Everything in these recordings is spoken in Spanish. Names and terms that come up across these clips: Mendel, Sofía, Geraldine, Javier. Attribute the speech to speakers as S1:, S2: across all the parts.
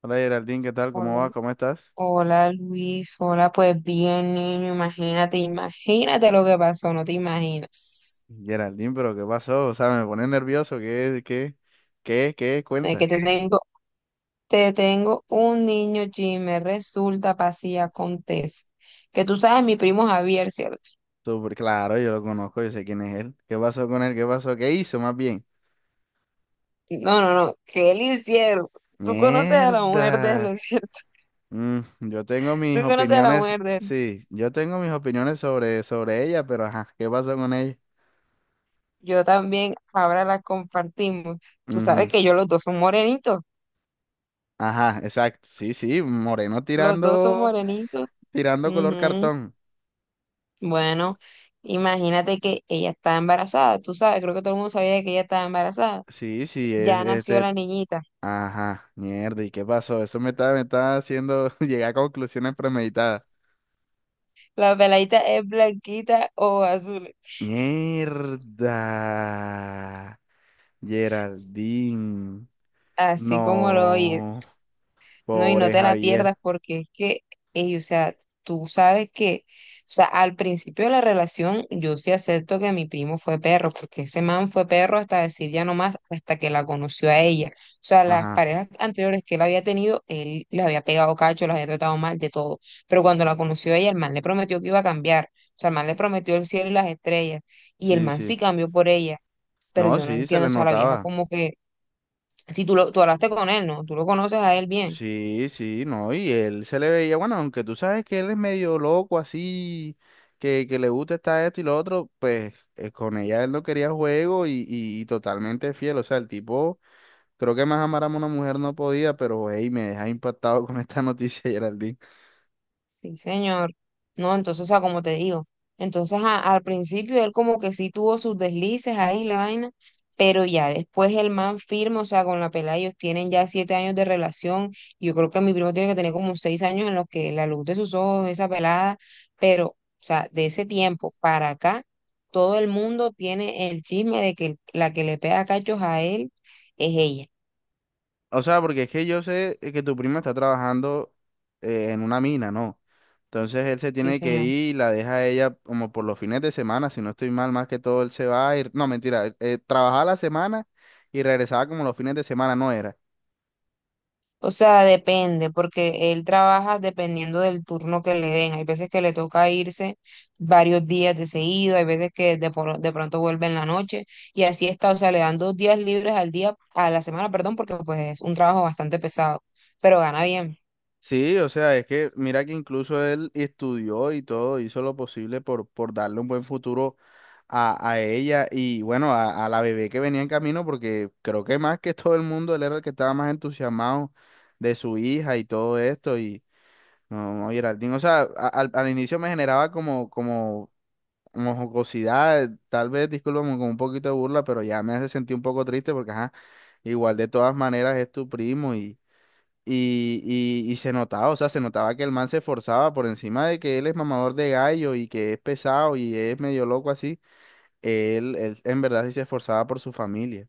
S1: Hola, Geraldine, ¿qué tal? ¿Cómo
S2: Hola,
S1: vas? ¿Cómo estás?
S2: hola, Luis, hola, pues bien, niño, imagínate, imagínate lo que pasó, no te imaginas.
S1: Geraldine, pero ¿qué pasó? O sea, me pone nervioso. ¿Qué
S2: Es que
S1: cuenta?
S2: te tengo, te tengo un niño chisme, resulta, pasa y acontece. Que tú sabes, mi primo Javier, ¿cierto?
S1: Súper claro, yo lo conozco, yo sé quién es él. ¿Qué pasó con él? ¿Qué pasó? ¿Qué hizo más bien?
S2: No, no, no, que él hicieron. Tú conoces a la mujer de él, ¿no
S1: Mierda.
S2: es ¿cierto?
S1: Mm, yo tengo mis
S2: Tú conoces a la
S1: opiniones,
S2: mujer de él.
S1: sí, yo tengo mis opiniones sobre ella, pero ajá, ¿qué pasó con ella?
S2: Yo también, ahora la compartimos. Tú sabes
S1: Ujú.
S2: que yo, los dos son morenitos,
S1: Ajá, exacto. Sí, sí, moreno
S2: los dos son
S1: tirando,
S2: morenitos.
S1: tirando color
S2: Ujú.
S1: cartón.
S2: Bueno, imagínate que ella estaba embarazada, tú sabes, creo que todo el mundo sabía que ella estaba embarazada.
S1: Sí, sí, es,
S2: Ya nació
S1: este,
S2: la niñita.
S1: ajá, mierda, ¿y qué pasó? Eso me está haciendo llegar a conclusiones premeditadas.
S2: La peladita es blanquita o azul,
S1: Mierda, Geraldine.
S2: así como lo
S1: No,
S2: oyes. No, y no
S1: pobre
S2: te la pierdas
S1: Javier.
S2: porque es que, ey, o sea, tú sabes que, o sea, al principio de la relación yo sí acepto que mi primo fue perro, porque ese man fue perro hasta decir ya no más, hasta que la conoció a ella. O sea, las
S1: Ajá,
S2: parejas anteriores que él había tenido, él les había pegado cacho, las había tratado mal, de todo. Pero cuando la conoció a ella, el man le prometió que iba a cambiar. O sea, el man le prometió el cielo y las estrellas. Y el
S1: sí,
S2: man
S1: sí.
S2: sí cambió por ella, pero
S1: No,
S2: yo no
S1: sí, se
S2: entiendo, o
S1: le
S2: sea, la vieja
S1: notaba.
S2: como que, si tú, tú hablaste con él, ¿no? Tú lo conoces a él bien.
S1: Sí, sí, no, y él se le veía, bueno, aunque tú sabes que él es medio loco así, que le gusta esto y lo otro, pues con ella él no quería juego y totalmente fiel, o sea, el tipo... Creo que más amar a una mujer no podía, pero hey, me deja impactado con esta noticia, Geraldine.
S2: Sí, señor. No, entonces, o sea, como te digo, entonces al principio él como que sí tuvo sus deslices ahí, la vaina, pero ya después el man firme, o sea, con la pelada ellos tienen ya 7 años de relación, y yo creo que mi primo tiene que tener como 6 años en los que la luz de sus ojos, esa pelada, pero, o sea, de ese tiempo para acá, todo el mundo tiene el chisme de que la que le pega cachos a él es ella.
S1: O sea, porque es que yo sé que tu primo está trabajando en una mina, ¿no? Entonces él se
S2: Sí,
S1: tiene que
S2: señor.
S1: ir y la deja a ella como por los fines de semana, si no estoy mal, más que todo él se va a ir. No, mentira, él trabajaba la semana y regresaba como los fines de semana, no era.
S2: O sea, depende, porque él trabaja dependiendo del turno que le den. Hay veces que le toca irse varios días de seguido, hay veces que de pronto vuelve en la noche y así está. O sea, le dan 2 días libres al día, a la semana, perdón, porque pues es un trabajo bastante pesado, pero gana bien.
S1: Sí, o sea, es que mira que incluso él estudió y todo, hizo lo posible por darle un buen futuro a ella y bueno, a la bebé que venía en camino, porque creo que más que todo el mundo, él era el que estaba más entusiasmado de su hija y todo esto. Y no, no, Geraldine, o sea, al inicio me generaba como jocosidad, tal vez, discúlpame, con un poquito de burla, pero ya me hace sentir un poco triste porque, ajá, igual de todas maneras es tu primo y. Y se notaba, o sea, se notaba que el man se esforzaba por encima de que él es mamador de gallo y que es pesado y es medio loco así él en verdad sí se esforzaba por su familia.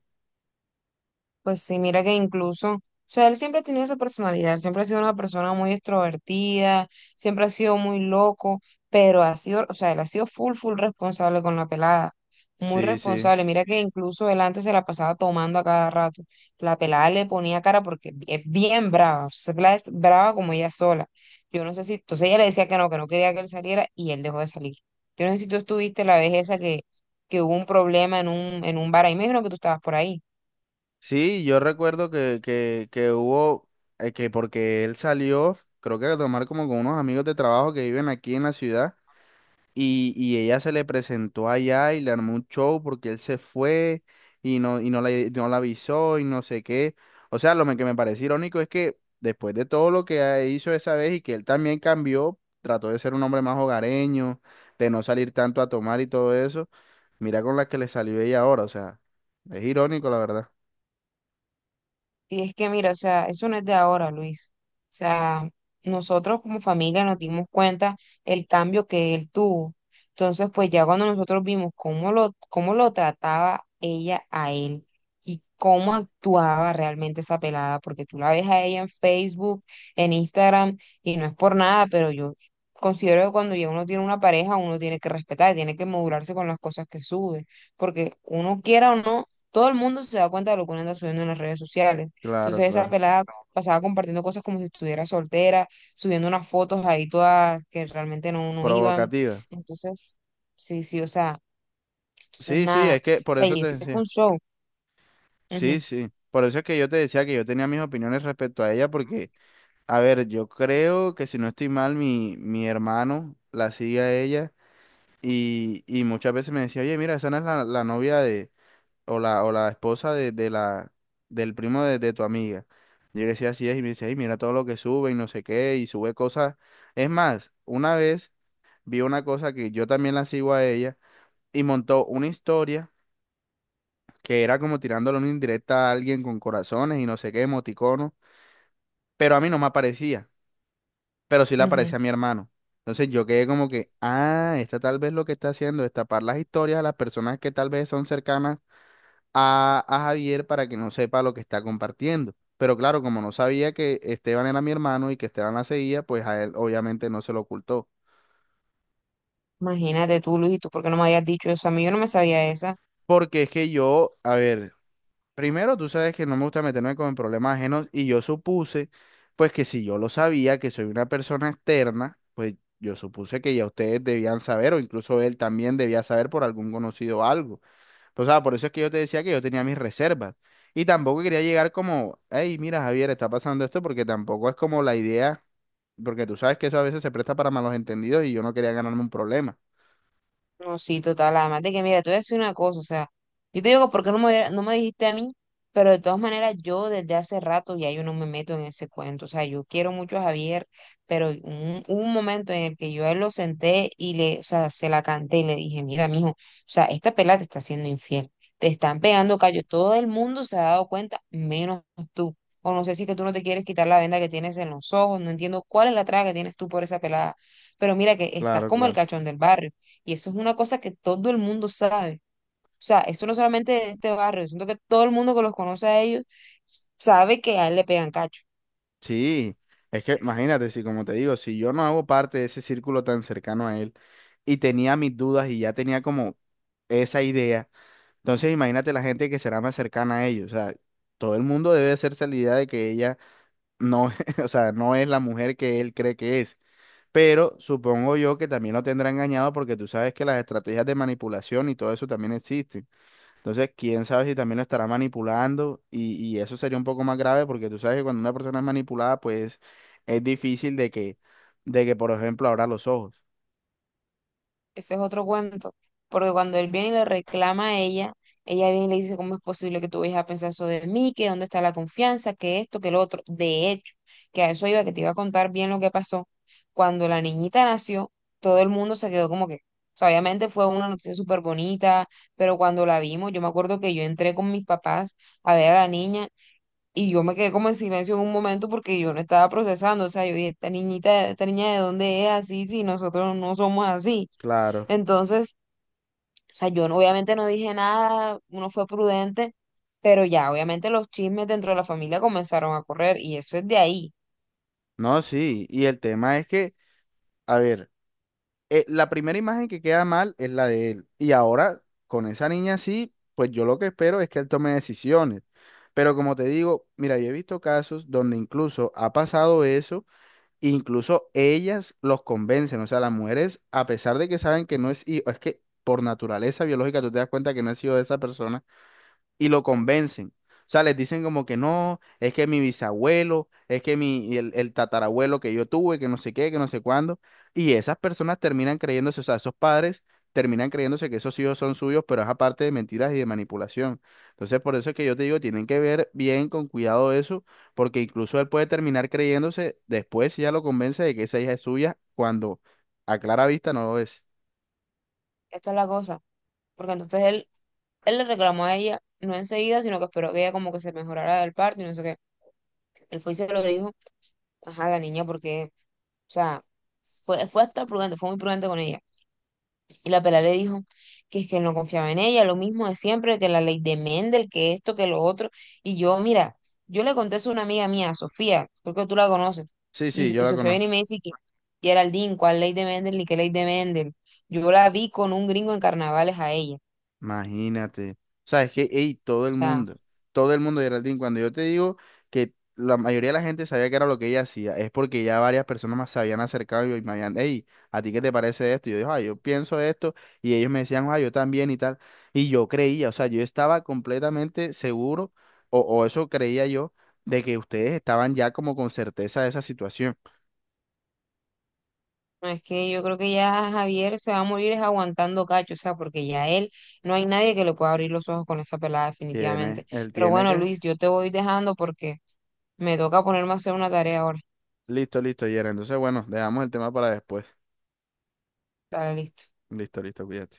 S2: Pues sí, mira que incluso, o sea, él siempre ha tenido esa personalidad, él siempre ha sido una persona muy extrovertida, siempre ha sido muy loco, pero ha sido, o sea, él ha sido full, full responsable con la pelada, muy
S1: Sí, sí.
S2: responsable. Mira que incluso él antes se la pasaba tomando a cada rato. La pelada le ponía cara porque es bien brava, o sea, esa pelada es brava como ella sola. Yo no sé si, entonces ella le decía que no quería que él saliera y él dejó de salir. Yo no sé si tú estuviste la vez esa que hubo un problema en un bar, ahí me dijeron que tú estabas por ahí.
S1: Sí, yo recuerdo que hubo, que porque él salió, creo que a tomar como con unos amigos de trabajo que viven aquí en la ciudad. Y ella se le presentó allá y le armó un show porque él se fue y no, no la avisó y no sé qué. O sea, que me parece irónico es que después de todo lo que hizo esa vez y que él también cambió, trató de ser un hombre más hogareño, de no salir tanto a tomar y todo eso, mira con la que le salió ella ahora. O sea, es irónico, la verdad.
S2: Y es que mira, o sea, eso no es de ahora, Luis. O sea, nosotros como familia nos dimos cuenta el cambio que él tuvo. Entonces, pues ya cuando nosotros vimos cómo lo trataba ella a él y cómo actuaba realmente esa pelada, porque tú la ves a ella en Facebook, en Instagram, y no es por nada, pero yo considero que cuando ya uno tiene una pareja, uno tiene que respetar, tiene que modularse con las cosas que sube, porque uno quiera o no, todo el mundo se da cuenta de lo que uno anda subiendo en las redes sociales.
S1: Claro,
S2: Entonces esa
S1: claro.
S2: pelada pasaba compartiendo cosas como si estuviera soltera, subiendo unas fotos ahí todas que realmente no, no iban.
S1: Provocativa.
S2: Entonces, sí, sí, o sea, entonces
S1: Sí, sí,
S2: nada.
S1: es
S2: O
S1: que por
S2: sea,
S1: eso
S2: y
S1: te
S2: eso fue un
S1: decía.
S2: show.
S1: Sí,
S2: Ujú,
S1: sí. Por eso es que yo te decía que yo tenía mis opiniones respecto a ella porque... A ver, yo creo que si no estoy mal, mi hermano la sigue a ella y muchas veces me decía, oye, mira, esa no es la novia de, o la esposa del primo de tu amiga. Y yo le decía así es y me decía, ay, mira todo lo que sube y no sé qué, y sube cosas. Es más, una vez vi una cosa que yo también la sigo a ella y montó una historia que era como tirándole una indirecta a alguien con corazones y no sé qué, emoticono, pero a mí no me aparecía, pero sí le
S2: ujú.
S1: aparecía a mi hermano. Entonces yo quedé como que, ah, esta tal vez lo que está haciendo es tapar las historias a las personas que tal vez son cercanas a Javier para que no sepa lo que está compartiendo. Pero claro, como no sabía que Esteban era mi hermano y que Esteban la seguía, pues a él obviamente no se lo ocultó.
S2: Imagínate tú, Luis, ¿y tú por qué no me habías dicho eso? A mí yo no me sabía esa.
S1: Porque es que yo, a ver. Primero, tú sabes que no me gusta meterme con problemas ajenos y yo supuse, pues que si yo lo sabía, que soy una persona externa, pues yo supuse que ya ustedes debían saber o incluso él también debía saber por algún conocido algo. Pues, o sea, por eso es que yo te decía que yo tenía mis reservas y tampoco quería llegar como, hey, mira, Javier, está pasando esto porque tampoco es como la idea, porque tú sabes que eso a veces se presta para malos entendidos y yo no quería ganarme un problema.
S2: No, sí, total. Además de que, mira, te voy a decir una cosa, o sea, yo te digo, ¿por qué no me, no me dijiste a mí? Pero de todas maneras, yo desde hace rato ya yo no me meto en ese cuento. O sea, yo quiero mucho a Javier, pero hubo un momento en el que yo a él lo senté y le, o sea, se la canté y le dije, mira, mijo, o sea, esta pelada te está haciendo infiel. Te están pegando callo. Todo el mundo se ha dado cuenta, menos tú. O no sé si es que tú no te quieres quitar la venda que tienes en los ojos. No entiendo cuál es la traga que tienes tú por esa pelada. Pero mira que estás
S1: Claro,
S2: como el
S1: claro.
S2: cachón del barrio. Y eso es una cosa que todo el mundo sabe. O sea, eso no solamente de este barrio, siento que todo el mundo que los conoce a ellos sabe que a él le pegan cacho.
S1: Sí, es que imagínate, si como te digo, si yo no hago parte de ese círculo tan cercano a él y tenía mis dudas y ya tenía como esa idea, entonces imagínate la gente que será más cercana a ellos, o sea, todo el mundo debe hacerse la idea de que ella no, o sea, no es la mujer que él cree que es, pero supongo yo que también lo tendrá engañado porque tú sabes que las estrategias de manipulación y todo eso también existen. Entonces, quién sabe si también lo estará manipulando y eso sería un poco más grave porque tú sabes que cuando una persona es manipulada, pues es difícil de que, por ejemplo, abra los ojos.
S2: Ese es otro cuento. Porque cuando él viene y le reclama a ella, ella viene y le dice, ¿cómo es posible que tú vayas a pensar eso de mí? ¿Que dónde está la confianza? ¿Que esto? ¿Que lo otro? De hecho, que a eso iba, que te iba a contar bien lo que pasó. Cuando la niñita nació, todo el mundo se quedó como que, o sea, obviamente fue una noticia súper bonita, pero cuando la vimos, yo me acuerdo que yo entré con mis papás a ver a la niña. Y yo me quedé como en silencio en un momento porque yo no estaba procesando. O sea, yo dije, esta niñita, esta niña de dónde es así si nosotros no somos así.
S1: Claro.
S2: Entonces, o sea, yo no- obviamente no dije nada, uno fue prudente, pero ya, obviamente los chismes dentro de la familia comenzaron a correr y eso es de ahí.
S1: No, sí. Y el tema es que, a ver, la primera imagen que queda mal es la de él. Y ahora, con esa niña sí, pues yo lo que espero es que él tome decisiones. Pero como te digo, mira, yo he visto casos donde incluso ha pasado eso. Incluso ellas los convencen, o sea, las mujeres, a pesar de que saben que no es hijo, es que por naturaleza biológica tú te das cuenta que no es hijo de esa persona y lo convencen. O sea, les dicen como que no, es que mi bisabuelo, es que mi, el tatarabuelo que yo tuve, que no sé qué, que no sé cuándo. Y esas personas terminan creyéndose, o sea, esos padres terminan creyéndose que esos hijos son suyos, pero es aparte de mentiras y de manipulación. Entonces, por eso es que yo te digo, tienen que ver bien con cuidado eso, porque incluso él puede terminar creyéndose después si ya lo convence de que esa hija es suya, cuando a clara vista no lo es.
S2: Esta es la cosa. Porque entonces él le reclamó a ella, no enseguida, sino que esperó que ella como que se mejorara del parto y no sé qué. Él fue y se lo dijo, ajá, la niña, porque, o sea, fue hasta prudente, fue muy prudente con ella. Y la pela le dijo que es que no confiaba en ella, lo mismo de siempre, que la ley de Mendel, que esto, que lo otro. Y yo, mira, yo le conté eso a una amiga mía, Sofía, creo que tú la conoces.
S1: Sí, sí,
S2: Y,
S1: yo
S2: y
S1: la
S2: Sofía viene
S1: conozco.
S2: y me dice que Geraldine, ¿cuál ley de Mendel ni qué ley de Mendel? Yo la vi con un gringo en carnavales a ella.
S1: Imagínate. O sea, es que, ey,
S2: O sea,
S1: todo el mundo, Geraldine, cuando yo te digo que la mayoría de la gente sabía que era lo que ella hacía, es porque ya varias personas más se habían acercado y me habían, hey, ¿a ti qué te parece esto? Y yo digo, ah, yo pienso esto, y ellos me decían, ah, yo también y tal. Y yo creía, o sea, yo estaba completamente seguro, o eso creía yo, de que ustedes estaban ya como con certeza de esa situación.
S2: no es que yo creo que ya Javier se va a morir es aguantando cacho, o sea, porque ya él, no hay nadie que le pueda abrir los ojos con esa pelada
S1: Tiene,
S2: definitivamente.
S1: él
S2: Pero
S1: tiene
S2: bueno,
S1: que.
S2: Luis, yo te voy dejando porque me toca ponerme a hacer una tarea ahora.
S1: Listo, listo, Yera. Entonces, bueno, dejamos el tema para después.
S2: Dale, listo.
S1: Listo, listo, cuídate.